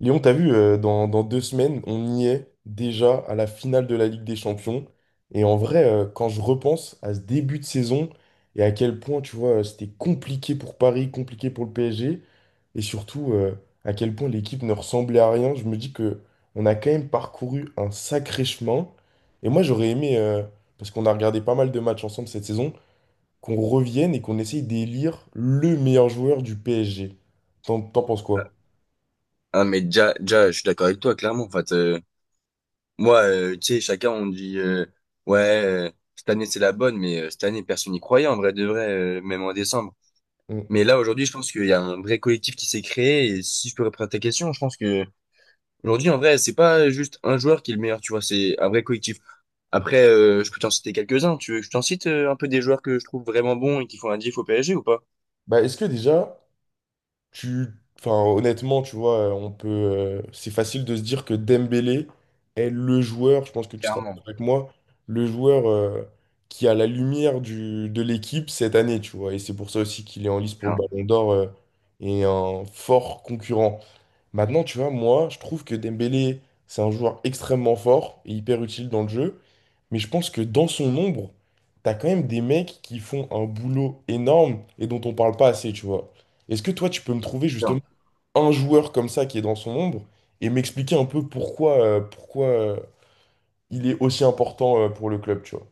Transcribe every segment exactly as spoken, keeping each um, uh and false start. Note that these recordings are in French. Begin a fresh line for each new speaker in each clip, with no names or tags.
Léon, t'as vu, euh, dans, dans deux semaines, on y est déjà à la finale de la Ligue des Champions. Et en vrai, euh, quand je repense à ce début de saison et à quel point, tu vois, c'était compliqué pour Paris, compliqué pour le P S G, et surtout euh, à quel point l'équipe ne ressemblait à rien, je me dis que on a quand même parcouru un sacré chemin. Et moi, j'aurais aimé, euh, parce qu'on a regardé pas mal de matchs ensemble cette saison, qu'on revienne et qu'on essaye d'élire le meilleur joueur du P S G. T'en t'en penses quoi?
Ah mais déjà, déjà, je suis d'accord avec toi, clairement. En fait, euh, moi, euh, tu sais, chacun on dit euh, ouais, euh, cette année c'est la bonne, mais euh, cette année personne n'y croyait en vrai de vrai, euh, même en décembre.
Mm.
Mais là aujourd'hui, je pense qu'il y a un vrai collectif qui s'est créé. Et si je peux répondre à ta question, je pense que aujourd'hui en vrai, c'est pas juste un joueur qui est le meilleur, tu vois, c'est un vrai collectif. Après, euh, je peux t'en citer quelques-uns. Tu veux que je t'en cite euh, un peu des joueurs que je trouve vraiment bons et qui font un diff au P S G ou pas?
Bah, est-ce que déjà, Tu, enfin, honnêtement, tu vois, euh, on peut, euh, c'est facile de se dire que Dembélé est le joueur, je pense que tu seras d'accord
Clairement.
avec moi, le joueur euh, qui a la lumière du, de l'équipe cette année, tu vois. Et c'est pour ça aussi qu'il est en lice pour le
Non.
Ballon d'Or euh, et un fort concurrent. Maintenant, tu vois, moi, je trouve que Dembélé, c'est un joueur extrêmement fort et hyper utile dans le jeu. Mais je pense que dans son ombre, t'as quand même des mecs qui font un boulot énorme et dont on parle pas assez, tu vois. Est-ce que toi, tu peux me trouver
Non.
justement un joueur comme ça qui est dans son ombre et m'expliquer un peu pourquoi, euh, pourquoi euh, il est aussi important euh, pour le club, tu vois?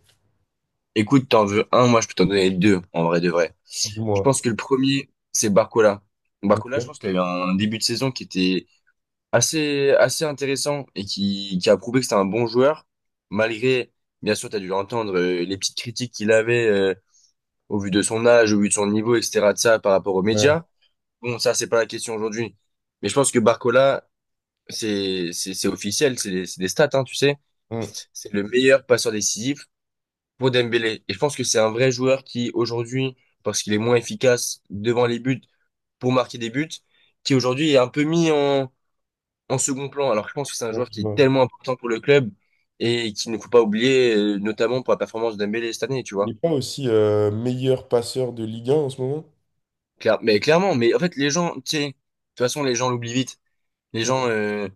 Écoute, t'en veux un, moi je peux t'en donner deux en vrai de vrai. Je
Dis-moi.
pense que le premier, c'est Barcola. Barcola, je
Ok.
pense qu'il a eu un début de saison qui était assez, assez intéressant et qui, qui a prouvé que c'était un bon joueur, malgré, bien sûr, tu as dû entendre euh, les petites critiques qu'il avait euh, au vu de son âge, au vu de son niveau, et cetera de ça par rapport aux
Ouais.
médias. Bon, ça, c'est pas la question aujourd'hui. Mais je pense que Barcola, c'est, c'est, c'est officiel, c'est des, c'est des stats, hein, tu sais.
Mm.
C'est le meilleur passeur décisif pour Dembélé. Et je pense que c'est un vrai joueur qui, aujourd'hui, parce qu'il est moins efficace devant les buts, pour marquer des buts, qui aujourd'hui est un peu mis en, en second plan. Alors je pense que c'est un
Ouais,
joueur
je
qui est
vois.
tellement important pour le club et qu'il ne faut pas oublier, euh, notamment pour la performance d'Dembélé cette année, tu
Il n'est
vois.
pas aussi euh, meilleur passeur de Ligue un en ce moment?
Claire- mais clairement, mais en fait les gens, tu sais, de toute façon les gens l'oublient vite. Les
Mm.
gens, euh,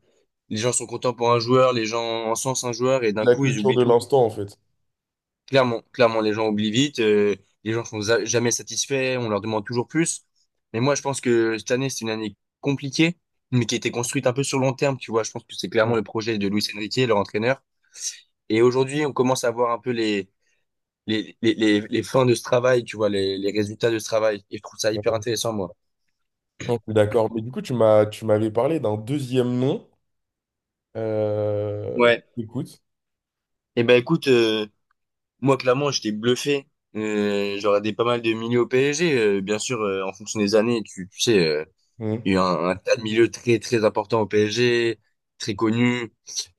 les gens sont contents pour un joueur, les gens encensent un joueur et d'un
C'est la
coup ils
culture
oublient
de
tout.
l'instant, en fait.
Clairement, clairement, les gens oublient vite, euh, les gens sont za- jamais satisfaits, on leur demande toujours plus. Mais moi, je pense que cette année, c'est une année compliquée, mais qui a été construite un peu sur long terme, tu vois. Je pense que c'est clairement le projet de Luis Enrique, leur entraîneur. Et aujourd'hui, on commence à voir un peu les, les, les, les, les fins de ce travail, tu vois, les, les résultats de ce travail. Et je trouve ça hyper
Mm.
intéressant, moi.
Je d'accord. Mais du coup, tu m'as, tu m'avais parlé d'un deuxième nom. Euh,
Ouais.
écoute.
Et ben, écoute, euh, moi, clairement, j'étais bluffé. Euh, j'aurais des pas mal de milieux au P S G, euh, bien sûr, euh, en fonction des années, tu, tu sais. euh,
Mmh.
Il y a un, un tas de milieux très très importants au P S G, très connus.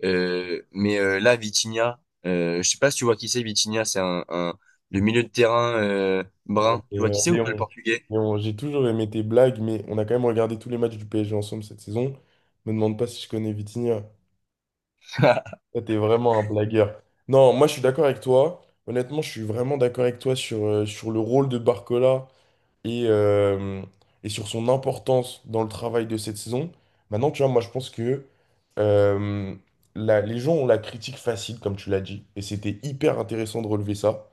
Euh, mais euh, là, Vitinha, euh, je sais pas si tu vois qui c'est. Vitinha, c'est un, un le milieu de terrain euh,
Ouais,
brun. Tu
mais,
vois
euh,
qui c'est ou pas le
Léon.
portugais?
Léon, j'ai toujours aimé tes blagues, mais on a quand même regardé tous les matchs du P S G ensemble cette saison. Me demande pas si je connais Vitinha. Toi, t'es vraiment un blagueur. Non, moi, je suis d'accord avec toi. Honnêtement, je suis vraiment d'accord avec toi sur, euh, sur le rôle de Barcola et, euh, et sur son importance dans le travail de cette saison. Maintenant, tu vois, moi, je pense que euh, la- les gens ont la critique facile, comme tu l'as dit, et c'était hyper intéressant de relever ça.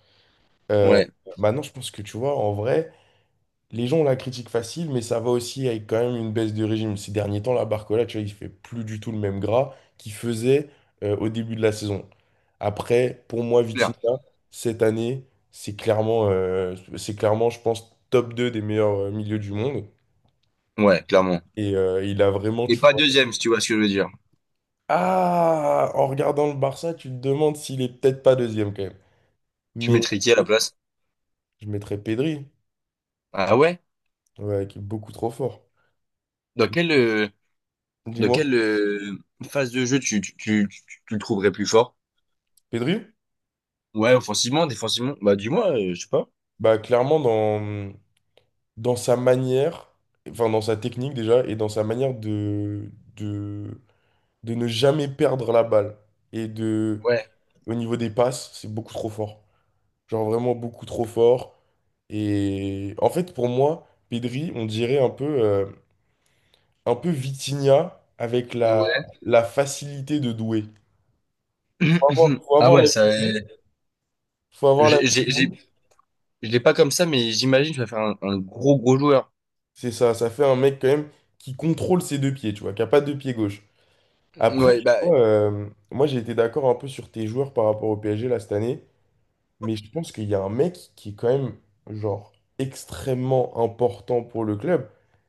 Euh,
Ouais,
maintenant, je pense que, tu vois, en vrai. Les gens la critiquent facile, mais ça va aussi avec quand même une baisse de régime. Ces derniers temps, la Barcola, tu vois, il fait plus du tout le même gras qu'il faisait euh, au début de la saison. Après, pour moi,
clair.
Vitinha, cette année, c'est clairement, euh, c'est clairement, je pense, top deux des meilleurs euh, milieux du monde.
Ouais, clairement.
Et euh, il a vraiment,
Et
tu
pas
vois.
deuxième, si tu vois ce que je veux dire.
Ah, en regardant le Barça, tu te demandes s'il est peut-être pas deuxième quand même.
Tu
Mais
mettrais qui à la place?
je mettrais Pedri,
Ah ouais?
ouais, qui est beaucoup trop fort.
Dans quelle euh, dans
Dis-moi,
quelle euh, phase de jeu tu tu, tu, tu- tu le trouverais plus fort?
Pedri?
Ouais, offensivement, défensivement? Bah dis-moi, euh, je sais pas.
Bah clairement dans, dans sa manière, enfin dans sa technique déjà, et dans sa manière de, de, de ne jamais perdre la balle. Et de,
Ouais.
au niveau des passes, c'est beaucoup trop fort. Genre vraiment beaucoup trop fort. Et en fait, pour moi, Pedri, on dirait un peu, euh, un peu Vitinha avec la,
Ouais.
la facilité de Doué. Faut avoir, faut
Ah
avoir
ouais,
la
ça.
Vitinha.
euh,
Faut avoir la...
J'ai j'ai- j'ai- Je l'ai pas comme ça, mais j'imagine que tu vas faire un, un gros gros joueur.
C'est ça, ça fait un mec quand même qui contrôle ses deux pieds, tu vois, qui a pas de pied gauche. Après,
Ouais,
tu
bah,
vois, euh, moi j'ai été d'accord un peu sur tes joueurs par rapport au P S G là cette année, mais je pense qu'il y a un mec qui est quand même genre extrêmement important pour le club.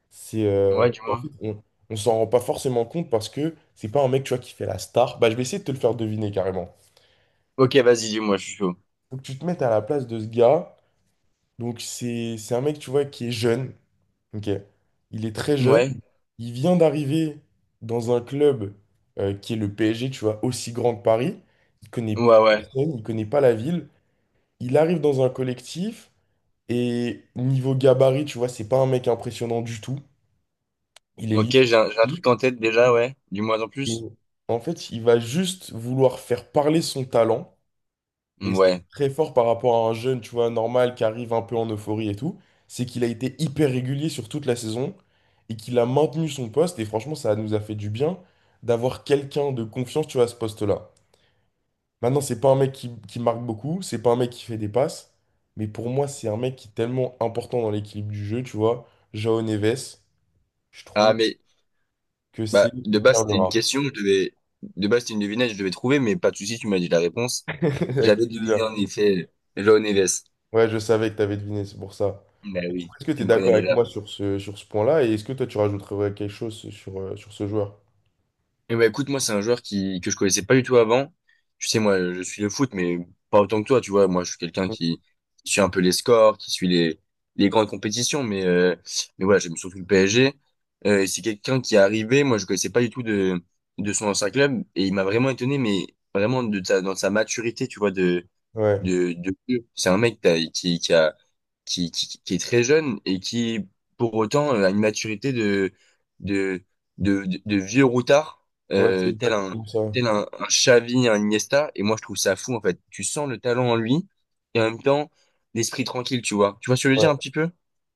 C'est euh,
ouais, du
en fait,
moins.
on, on s'en rend pas forcément compte parce que c'est pas un mec tu vois qui fait la star. Bah je vais essayer de te le faire deviner carrément.
Ok, vas-y, dis-moi, je suis chaud.
Faut que tu te mettes à la place de ce gars. Donc c'est c'est un mec tu vois qui est jeune. Ok, il est très jeune.
Ouais,
Il vient d'arriver dans un club euh, qui est le P S G, tu vois, aussi grand que Paris. Il connaît
ouais, ouais.
personne, il connaît pas la ville. Il arrive dans un collectif et niveau gabarit, tu vois, c'est pas un mec impressionnant du tout. Il est
Ok,
limite
j'ai un, j'ai un
petit.
truc en tête déjà, ouais. Dis-moi en
Et
plus.
en fait, il va juste vouloir faire parler son talent. Et ce qui
Ouais.
est très fort par rapport à un jeune, tu vois, normal, qui arrive un peu en euphorie et tout, c'est qu'il a été hyper régulier sur toute la saison et qu'il a maintenu son poste. Et franchement, ça nous a fait du bien d'avoir quelqu'un de confiance, tu vois, à ce poste-là. Maintenant, c'est pas un mec qui, qui marque beaucoup, c'est pas un mec qui fait des passes, mais pour moi, c'est un mec qui est tellement important dans l'équilibre du jeu, tu vois. Jao Neves, je
Ah,
trouve
mais,
que c'est
bah, de
une
base,
perle
c'était une
rare.
question, je devais, de base, c'était une devinette, je devais trouver, mais pas de souci, tu m'as dit la réponse.
Avec
J'avais deviné
plaisir.
en effet Joao Neves.
Ouais, je savais que tu avais deviné, c'est pour ça.
Bah oui,
Est-ce que tu
tu
es
me connais
d'accord avec
déjà.
moi sur ce, sur ce point-là? Et est-ce que toi, tu rajouterais quelque chose sur, euh, sur ce joueur?
Et ben écoute, moi, c'est un joueur qui, que je connaissais pas du tout avant. Tu sais, moi, je suis le foot, mais pas autant que toi, tu vois. Moi, je suis quelqu'un qui, qui suit un peu les scores, qui suit les, les grandes compétitions, mais, euh, mais voilà, j'aime surtout le P S G. Euh, et c'est quelqu'un qui est arrivé, moi, je connaissais pas du tout de, de son ancien club, et il m'a vraiment étonné, mais vraiment de sa, dans sa maturité, tu vois, de,
Ouais,
de, de feu. C'est un mec t'as- qui, qui a, qui, qui, qui est très jeune et qui, pour autant, euh, a une maturité de, de, de, de, de vieux routard,
ouais, c'est
euh, tel un,
exactement ça.
tel un, un Xavi, un Iniesta. Et moi, je trouve ça fou, en fait. Tu sens le talent en lui et en même temps, l'esprit tranquille, tu vois. Tu vois ce que je veux
Ouais.
dire un petit peu?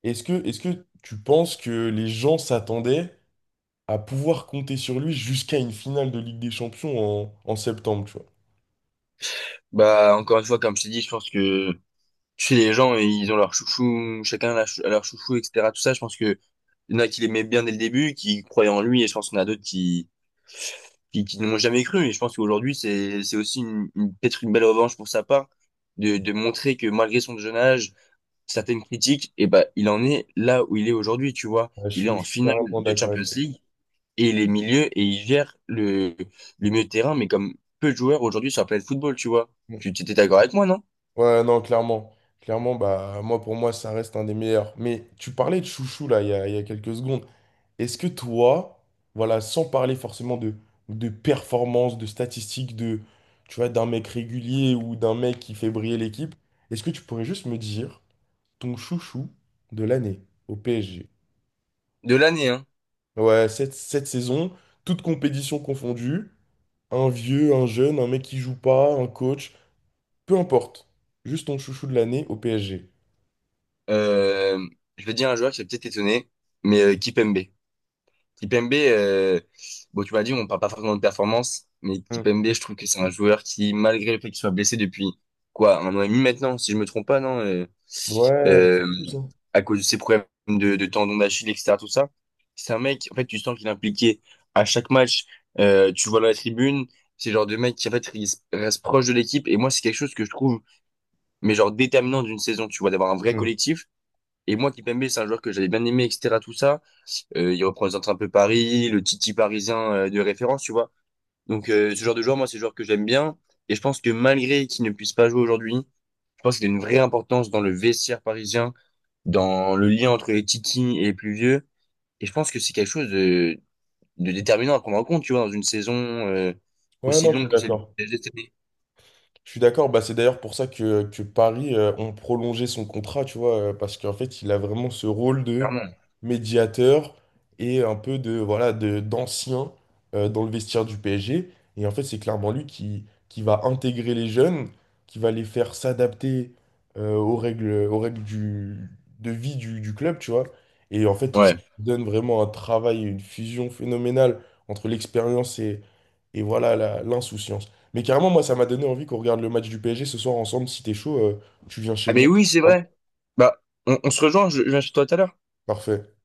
Est-ce que, est-ce que tu penses que les gens s'attendaient à pouvoir compter sur lui jusqu'à une finale de Ligue des Champions en, en septembre, tu vois?
Bah, encore une fois, comme je t'ai dit, je pense que chez les gens, ils ont leur chouchou, chacun a leur chou- a leur chouchou, et cetera. Tout ça, je pense que il y en a qui l'aimaient bien dès le début, qui croyaient en lui, et je pense qu'il y en a d'autres qui, qui, qui ne m'ont jamais cru. Et je pense qu'aujourd'hui, c'est, c'est aussi une, une- peut-être une belle revanche pour sa part de, de montrer que malgré son jeune âge, certaines critiques, et ben, il en est là où il est aujourd'hui, tu vois.
Ouais, je
Il est
suis, je
en
suis
finale
carrément
de
d'accord
Champions
avec toi.
League et il est milieu et il gère le, le milieu de terrain, mais comme peu de joueurs aujourd'hui sur la planète football, tu vois.
Mm.
Tu tu étais d'accord avec moi, non?
Ouais, non, clairement. Clairement, bah, moi, pour moi, ça reste un des meilleurs. Mais tu parlais de Chouchou, là, il y a, il y a quelques secondes. Est-ce que toi, voilà, sans parler forcément de, de performance, de statistiques, de, tu vois, d'un mec régulier ou d'un mec qui fait briller l'équipe, est-ce que tu pourrais juste me dire ton chouchou de l'année au P S G?
De l'année, hein.
Ouais, cette, cette saison, toute compétition confondue, un vieux, un jeune, un mec qui joue pas, un coach, peu importe. Juste ton chouchou de l'année au P S G.
Euh, je vais dire un joueur qui a peut-être étonné, mais euh, Kipembe. Kipembe, euh, bon, tu m'as dit, on parle pas forcément de performance, mais
Hmm.
Kipembe, je trouve que c'est un joueur qui, malgré le fait qu'il soit blessé depuis, quoi, un an et demi maintenant, si je me trompe pas, non, euh,
Ouais,
euh,
plus, hein.
à cause de ses problèmes de, de tendons d'Achille, et cetera, tout ça, c'est un mec, en fait, tu sens qu'il est impliqué à chaque match, euh, tu le vois dans la tribune, c'est le genre de mec qui, en fait, il s- reste proche de l'équipe, et moi, c'est quelque chose que je trouve, mais genre déterminant d'une saison, tu vois, d'avoir un vrai
Hmm.
collectif, et moi, Kipembe, c'est un joueur que j'avais bien aimé, et cetera, tout ça, euh, il représente un peu Paris, le Titi parisien euh, de référence, tu vois. Donc euh, ce genre de joueur, moi, c'est le joueur que j'aime bien. Et je pense que malgré qu'il ne puisse pas jouer aujourd'hui, je pense qu'il a une vraie importance dans le vestiaire parisien, dans le lien entre les Titi et les plus vieux. Et je pense que c'est quelque chose de, de déterminant à prendre en compte, tu vois, dans une saison euh,
Ouais,
aussi
non, je suis
longue que celle du
d'accord.
P S G cette année,
Je suis d'accord, bah, c'est d'ailleurs pour ça que, que Paris euh, ont prolongé son contrat, tu vois, euh, parce qu'en fait, il a vraiment ce rôle de
clairement.
médiateur et un peu de voilà de d'ancien euh, dans le vestiaire du P S G. Et en fait, c'est clairement lui qui, qui va intégrer les jeunes, qui va les faire s'adapter euh, aux règles, aux règles du, de vie du, du club, tu vois. Et en fait, tout ça
Ouais.
donne vraiment un travail, une fusion phénoménale entre l'expérience et, et voilà la- l'insouciance. Mais carrément, moi, ça m'a donné envie qu'on regarde le match du P S G ce soir ensemble. Si t'es chaud, euh, tu viens chez
Ah mais
moi.
oui, c'est vrai. Bah, on, on se rejoint, je, je viens chez toi tout à l'heure.
Parfait.